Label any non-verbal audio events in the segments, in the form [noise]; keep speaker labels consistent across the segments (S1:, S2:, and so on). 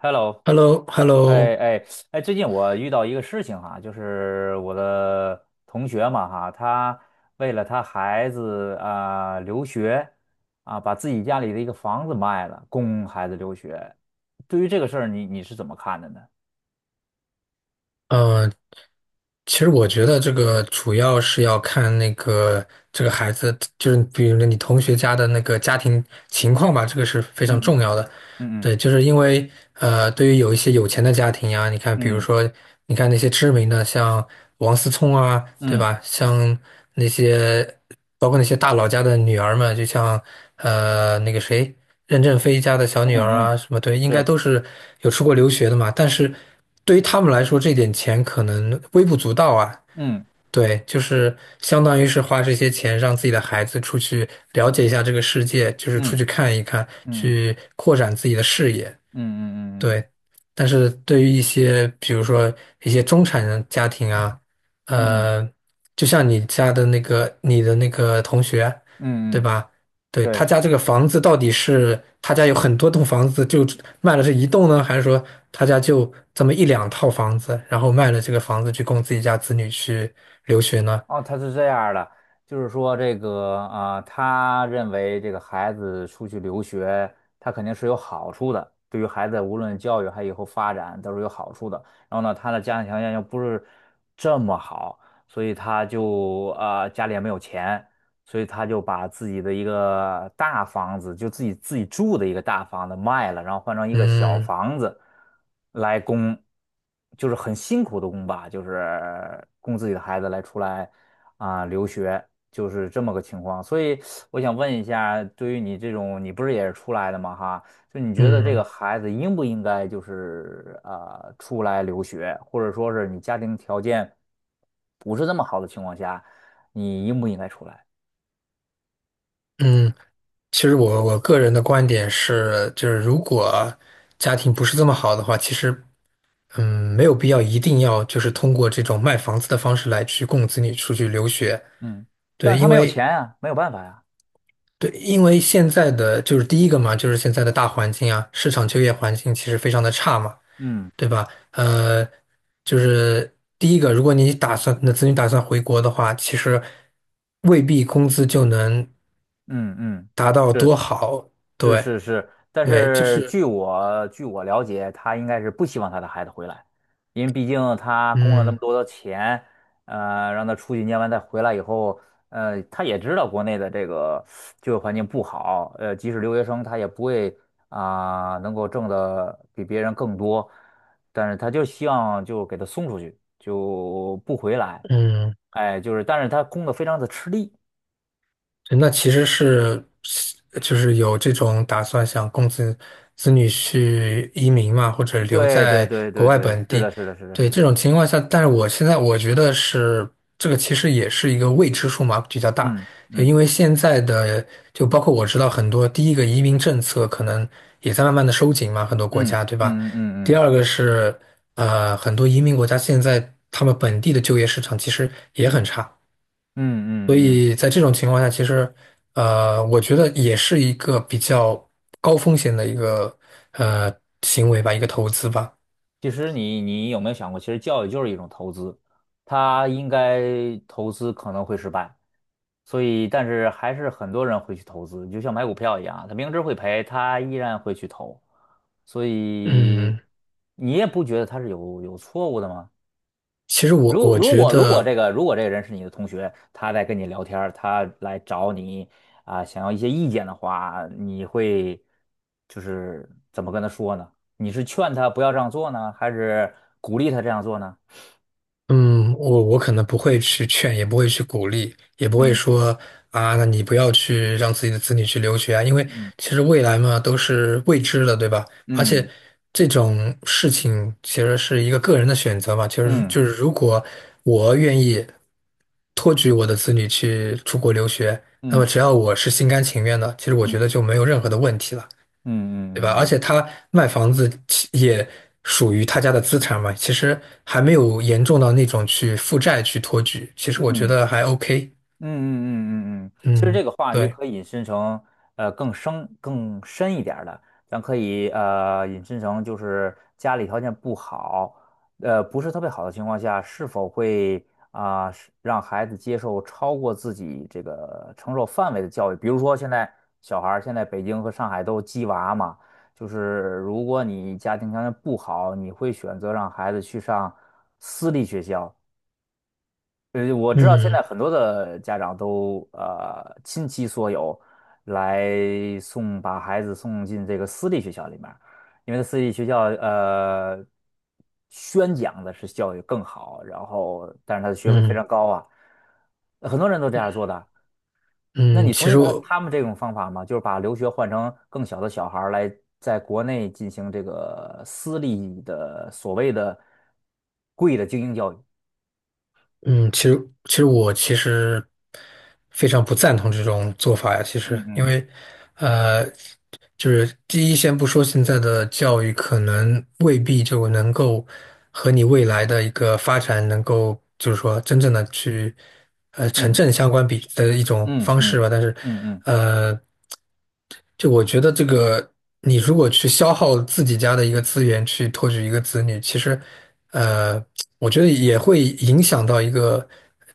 S1: Hello，哎
S2: Hello,Hello,
S1: 哎哎，最近我遇到一个事情哈，就是我的同学嘛哈，他为了他孩子啊、留学啊，把自己家里的一个房子卖了，供孩子留学。对于这个事儿，你是怎么看的呢？
S2: 嗯，呃其实我觉得这个主要是要看那个这个孩子，就是比如你同学家的那个家庭情况吧，这个是非常
S1: 嗯
S2: 重要的。
S1: 嗯
S2: 对，就是因为对于有一些有钱的家庭呀，你看，比如
S1: 嗯
S2: 说，你看那些知名的，像王思聪啊，对
S1: 嗯嗯
S2: 吧？像那些包括那些大佬家的女儿们，就像那个谁，任正非家的小
S1: 嗯
S2: 女
S1: 嗯
S2: 儿
S1: 嗯，
S2: 啊，什么对，应该
S1: 是，
S2: 都是有出国留学的嘛。但是对于他们来说，这点钱可能微不足道啊。
S1: 嗯
S2: 对，就是相当于是花这些钱让自己的孩子出去了解一下这个世界，就是出
S1: 嗯
S2: 去看一看，
S1: 嗯
S2: 去扩展自己的视野。
S1: 嗯嗯嗯嗯
S2: 对，但是对于一些，比如说一些中产人家庭啊，
S1: 嗯嗯
S2: 呃，就像你的那个同学，
S1: 嗯，
S2: 对
S1: 嗯
S2: 吧？对，他
S1: 对。
S2: 家这个房子到底是他家有很多栋房子，就卖了这一栋呢，还是说他家就这么一两套房子，然后卖了这个房子去供自己家子女去留学呢？
S1: 哦，他是这样儿的，就是说这个啊、他认为这个孩子出去留学，他肯定是有好处的，对于孩子无论教育还以后发展都是有好处的。然后呢，他的家庭条件又不是这么好，所以他就啊、家里也没有钱，所以他就把自己的一个大房子，就自己住的一个大房子卖了，然后换成一个小
S2: 嗯
S1: 房子来供，就是很辛苦的供吧，就是供自己的孩子来出来啊、留学，就是这么个情况。所以我想问一下，对于你这种，你不是也是出来的吗？哈，就你觉得这个
S2: 嗯
S1: 孩子应不应该就是出来留学，或者说是你家庭条件不是那么好的情况下，你应不应该出来？
S2: 嗯。其实我个人的观点是，就是如果家庭不是这么好的话，其实没有必要一定要就是通过这种卖房子的方式来去供子女出去留学。
S1: 嗯，但
S2: 对，
S1: 是他
S2: 因
S1: 没有
S2: 为
S1: 钱啊，没有办法呀、
S2: 对，因为现在的就是第一个嘛，就是现在的大环境啊，市场就业环境其实非常的差嘛，
S1: 嗯
S2: 对吧？就是第一个，如果你打算子女打算回国的话，其实未必工资就能
S1: 嗯嗯，
S2: 达到
S1: 是
S2: 多好，
S1: 是
S2: 对。
S1: 是是，但
S2: 对，就
S1: 是
S2: 是，
S1: 据我了解，他应该是不希望他的孩子回来，因为毕竟他供了那么
S2: 嗯
S1: 多的钱，让他出去念完再回来以后，他也知道国内的这个就业环境不好，即使留学生他也不会啊、能够挣的比别人更多，但是他就希望就给他送出去，就不回来，
S2: 嗯，
S1: 哎，就是，但是他供的非常的吃力，
S2: 那其实是，就是有这种打算，想供子女去移民嘛，或者留
S1: 对对
S2: 在
S1: 对
S2: 国
S1: 对
S2: 外
S1: 对，
S2: 本
S1: 是
S2: 地。
S1: 的是的是的是
S2: 对，这
S1: 的，
S2: 种情况下，但是我现在我觉得是这个，其实也是一个未知数嘛，比较大。
S1: 嗯
S2: 就
S1: 嗯。
S2: 因为现在的，就包括我知道很多，第一个移民政策可能也在慢慢的收紧嘛，很多国
S1: 嗯
S2: 家，对吧？
S1: 嗯嗯
S2: 第
S1: 嗯
S2: 二个是，很多移民国家现在他们本地的就业市场其实也很差。
S1: 嗯嗯
S2: 所
S1: 嗯，
S2: 以在这种情况下，其实，我觉得也是一个比较高风险的一个呃行为吧，一个投资吧。
S1: 其实你有没有想过，其实教育就是一种投资，它应该投资可能会失败，所以但是还是很多人会去投资，你就像买股票一样啊，他明知会赔，他依然会去投，所以
S2: 嗯，
S1: 你也不觉得他是有错误的吗？
S2: 其实我
S1: 如
S2: 我
S1: 如
S2: 觉
S1: 果如果这
S2: 得。
S1: 个如果这个人是你的同学，他在跟你聊天儿他来找你啊、想要一些意见的话，你会就是怎么跟他说呢？你是劝他不要这样做呢，还是鼓励他这样做呢？
S2: 嗯，我可能不会去劝，也不会去鼓励，也不会
S1: 嗯
S2: 说啊，那你不要去让自己的子女去留学啊，因为
S1: 嗯
S2: 其实未来嘛都是未知的，对吧？而
S1: 嗯
S2: 且这种事情其实是一个个人的选择嘛，其实
S1: 嗯
S2: 就是如果我愿意托举我的子女去出国留学，那么
S1: 嗯
S2: 只要我是心甘情愿的，其实我觉
S1: 嗯
S2: 得就没有任何的问题了。
S1: 嗯嗯
S2: 对吧？而
S1: 嗯嗯嗯。
S2: 且他卖房子其也属于他家的资产嘛，其实还没有严重到那种去负债去托举，其实我觉
S1: 嗯嗯
S2: 得还 OK。
S1: 嗯嗯嗯嗯嗯，其实
S2: 嗯，
S1: 这个话题
S2: 对，
S1: 可以引申成更深一点儿的，咱可以引申成就是家里条件不好，不是特别好的情况下，是否会啊、是让孩子接受超过自己这个承受范围的教育？比如说现在小孩儿现在北京和上海都鸡娃嘛，就是如果你家庭条件不好，你会选择让孩子去上私立学校。我知道现在
S2: 嗯
S1: 很多的家长都倾其所有来送把孩子送进这个私立学校里面儿因为私立学校宣讲的是教育更好，然后但是他的学费非
S2: 嗯
S1: 常高啊，很多人都这样做的。那
S2: 嗯，
S1: 你同
S2: 其
S1: 意
S2: 实
S1: 他
S2: 我
S1: 他们这种方法吗？就是把留学换成更小的小孩儿来在国内进行这个私立的所谓的贵的精英教育？
S2: 嗯，其实其实其实非常不赞同这种做法呀。其实，
S1: 嗯
S2: 因
S1: 嗯
S2: 为呃，就是第一，先不说现在的教育可能未必就能够和你未来的一个发展能够，就是说真正的去成
S1: 嗯。
S2: 正相关比的一种
S1: 嗯
S2: 方式
S1: 嗯
S2: 吧。但是，
S1: 嗯嗯
S2: 呃。就我觉得这个，你如果去消耗自己家的一个资源去托举一个子女，其实，呃，我觉得也会影响到一个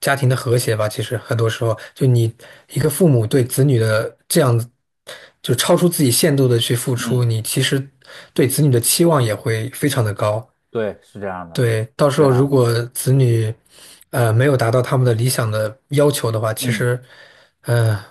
S2: 家庭的和谐吧。其实很多时候，就你一个父母对子女的这样子，就超出自己限度的去付
S1: 嗯，
S2: 出，你其实对子女的期望也会非常的高。
S1: 对，是这样的，
S2: 对，到
S1: 是
S2: 时
S1: 这
S2: 候
S1: 样
S2: 如
S1: 的，
S2: 果子女，没有达到他们的理想的要求的话，其
S1: 嗯，
S2: 实呃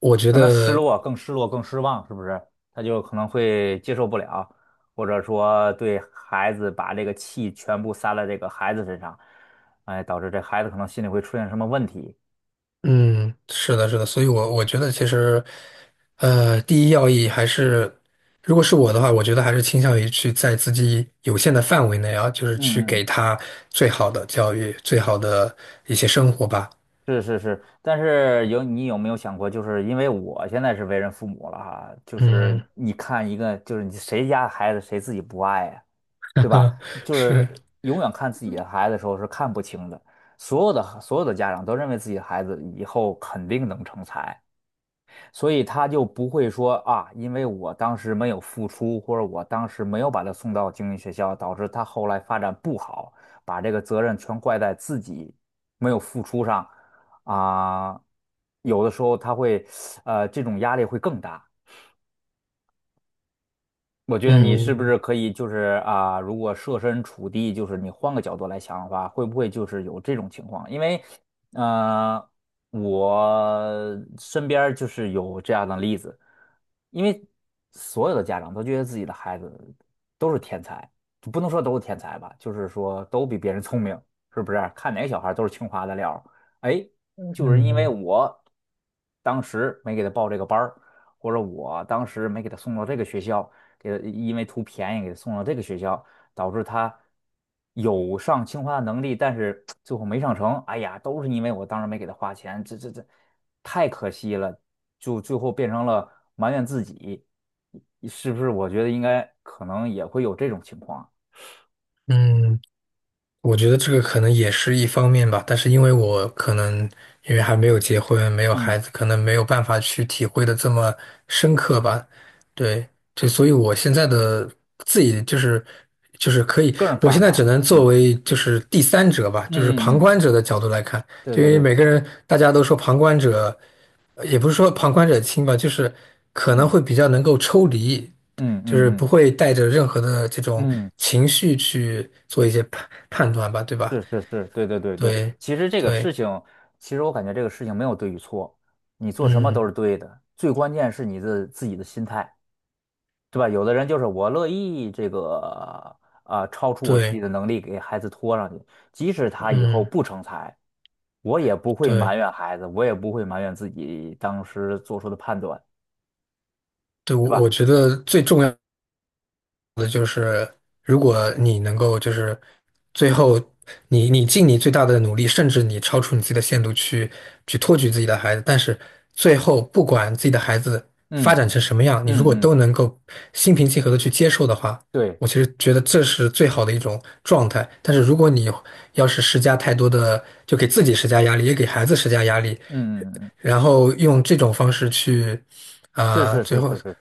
S2: 我觉
S1: 可能失
S2: 得。
S1: 落，更失落，更失望，是不是？他就可能会接受不了，或者说对孩子把这个气全部撒在这个孩子身上，哎，导致这孩子可能心里会出现什么问题。
S2: 嗯，是的，是的，所以我觉得其实，第一要义还是，如果是我的话，我觉得还是倾向于去在自己有限的范围内啊，就是去
S1: 嗯
S2: 给他最好的教育，最好的一些生活吧。
S1: 是是是，但是你有没有想过，就是因为我现在是为人父母了哈，就是
S2: 嗯，
S1: 你看一个，就是你谁家孩子谁自己不爱呀，对吧？
S2: [laughs]
S1: 就
S2: 是，
S1: 是永远看自己的孩子的时候是看不清的，所有的家长都认为自己的孩子以后肯定能成才，所以他就不会说啊，因为我当时没有付出，或者我当时没有把他送到精英学校，导致他后来发展不好，把这个责任全怪在自己没有付出上啊，有的时候他会，这种压力会更大。我觉得你是不
S2: 嗯
S1: 是可以就是啊，如果设身处地，就是你换个角度来想的话，会不会就是有这种情况？因为，呃，我身边儿就是有这样的例子，因为所有的家长都觉得自己的孩子都是天才，不能说都是天才吧，就是说都比别人聪明，是不是？看哪个小孩儿都是清华的料儿，哎，
S2: 嗯
S1: 就是因为
S2: 嗯。
S1: 我当时没给他报这个班儿。或者我当时没给他送到这个学校，给他因为图便宜给他送到这个学校，导致他有上清华的能力，但是 [tsk] 最后没上成。哎呀，都是因为我当时没给他花钱，这太可惜了，就最后变成了埋怨自己，是不是？我觉得应该可能也会有这种情况。
S2: 嗯嗯。我觉得这个可能也是一方面吧，但是因为我可能因为还没有结婚，没有孩
S1: 嗯，
S2: 子，可能没有办法去体会的这么深刻吧。对，就所以我现在的自己就是就是可以，
S1: 个人
S2: 我现
S1: 看
S2: 在只
S1: 法。
S2: 能作
S1: 嗯嗯
S2: 为就是第三者吧，就是旁
S1: 嗯
S2: 观
S1: 嗯，
S2: 者的角度来看，
S1: 对
S2: 就因
S1: 对
S2: 为
S1: 对，
S2: 每个人大家都说旁观者，也不是说旁观者清吧，就是可
S1: 嗯
S2: 能会比较能够抽离。
S1: 嗯
S2: 就
S1: 嗯
S2: 是不
S1: 嗯
S2: 会带着任何的这种
S1: 嗯。
S2: 情绪去做一些判断吧，对吧？
S1: 是是是，对对对对，
S2: 对，
S1: 其实这个
S2: 对，
S1: 事情，其实我感觉这个事情没有对与错，你做什么
S2: 嗯，
S1: 都是对的，最关键是你的自己的心态，对吧？有的人就是我乐意这个啊、超出我自己
S2: 对，
S1: 的能力给孩子拖上去，即使他以后
S2: 嗯，
S1: 不成才，我也不会
S2: 对，
S1: 埋怨孩子，我也不会埋怨自己当时做出的判断，
S2: 对，
S1: 对
S2: 我
S1: 吧？
S2: 我觉得最重要。如果你能够就是最后你尽你最大的努力，甚至你超出你自己的限度去托举自己的孩子，但是最后不管自己的孩子发
S1: 嗯
S2: 展成什么样，你如
S1: 嗯
S2: 果
S1: 嗯，
S2: 都能够心平气和的去接受的话，
S1: 对，
S2: 我其实觉得这是最好的一种状态。但是如果你要是施加太多的，就给自己施加压力，也给孩子施加压力，
S1: 嗯嗯嗯，嗯
S2: 然后用这种方式去
S1: 是
S2: 啊、
S1: 是
S2: 最
S1: 是
S2: 后
S1: 是是。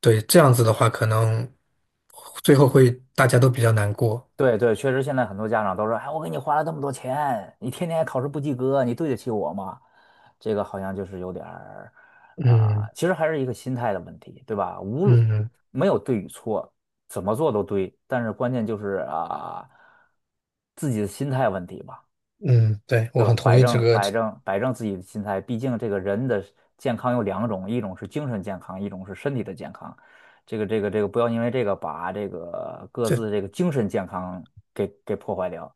S2: 对这样子的话，可能最后会大家都比较难过。
S1: 对对，确实现在很多家长都说，哎，我给你花了这么多钱，你天天考试不及格，你对得起我吗？这个好像就是有点儿啊、
S2: 嗯
S1: 其实还是一个心态的问题，对吧？无论
S2: 嗯
S1: 没有对与错，怎么做都对，但是关键就是啊、自己的心态问题吧。
S2: 嗯，对，我
S1: 对
S2: 很
S1: 吧？
S2: 同
S1: 摆
S2: 意这
S1: 正
S2: 个
S1: 摆正摆正自己的心态，毕竟这个人的健康有两种，一种是精神健康，一种是身体的健康。这个，不要因为这个把这个各
S2: 这
S1: 自这个精神健康给破坏掉。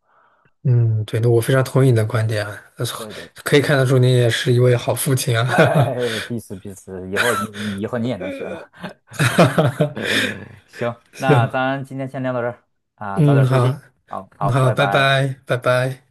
S2: 嗯，对那我非常同意你的观点啊，呃
S1: 对对，
S2: 可以看得出你也是一位好父亲啊，
S1: 哎，彼此彼此，以后你也能行。
S2: [laughs] 哈哈哈，
S1: [laughs] 行，那
S2: 行，
S1: 咱今天先聊到这儿啊，早
S2: 嗯，
S1: 点休息。
S2: 好，
S1: 好
S2: 嗯
S1: 好，
S2: 好，
S1: 拜
S2: 拜
S1: 拜。
S2: 拜，拜拜。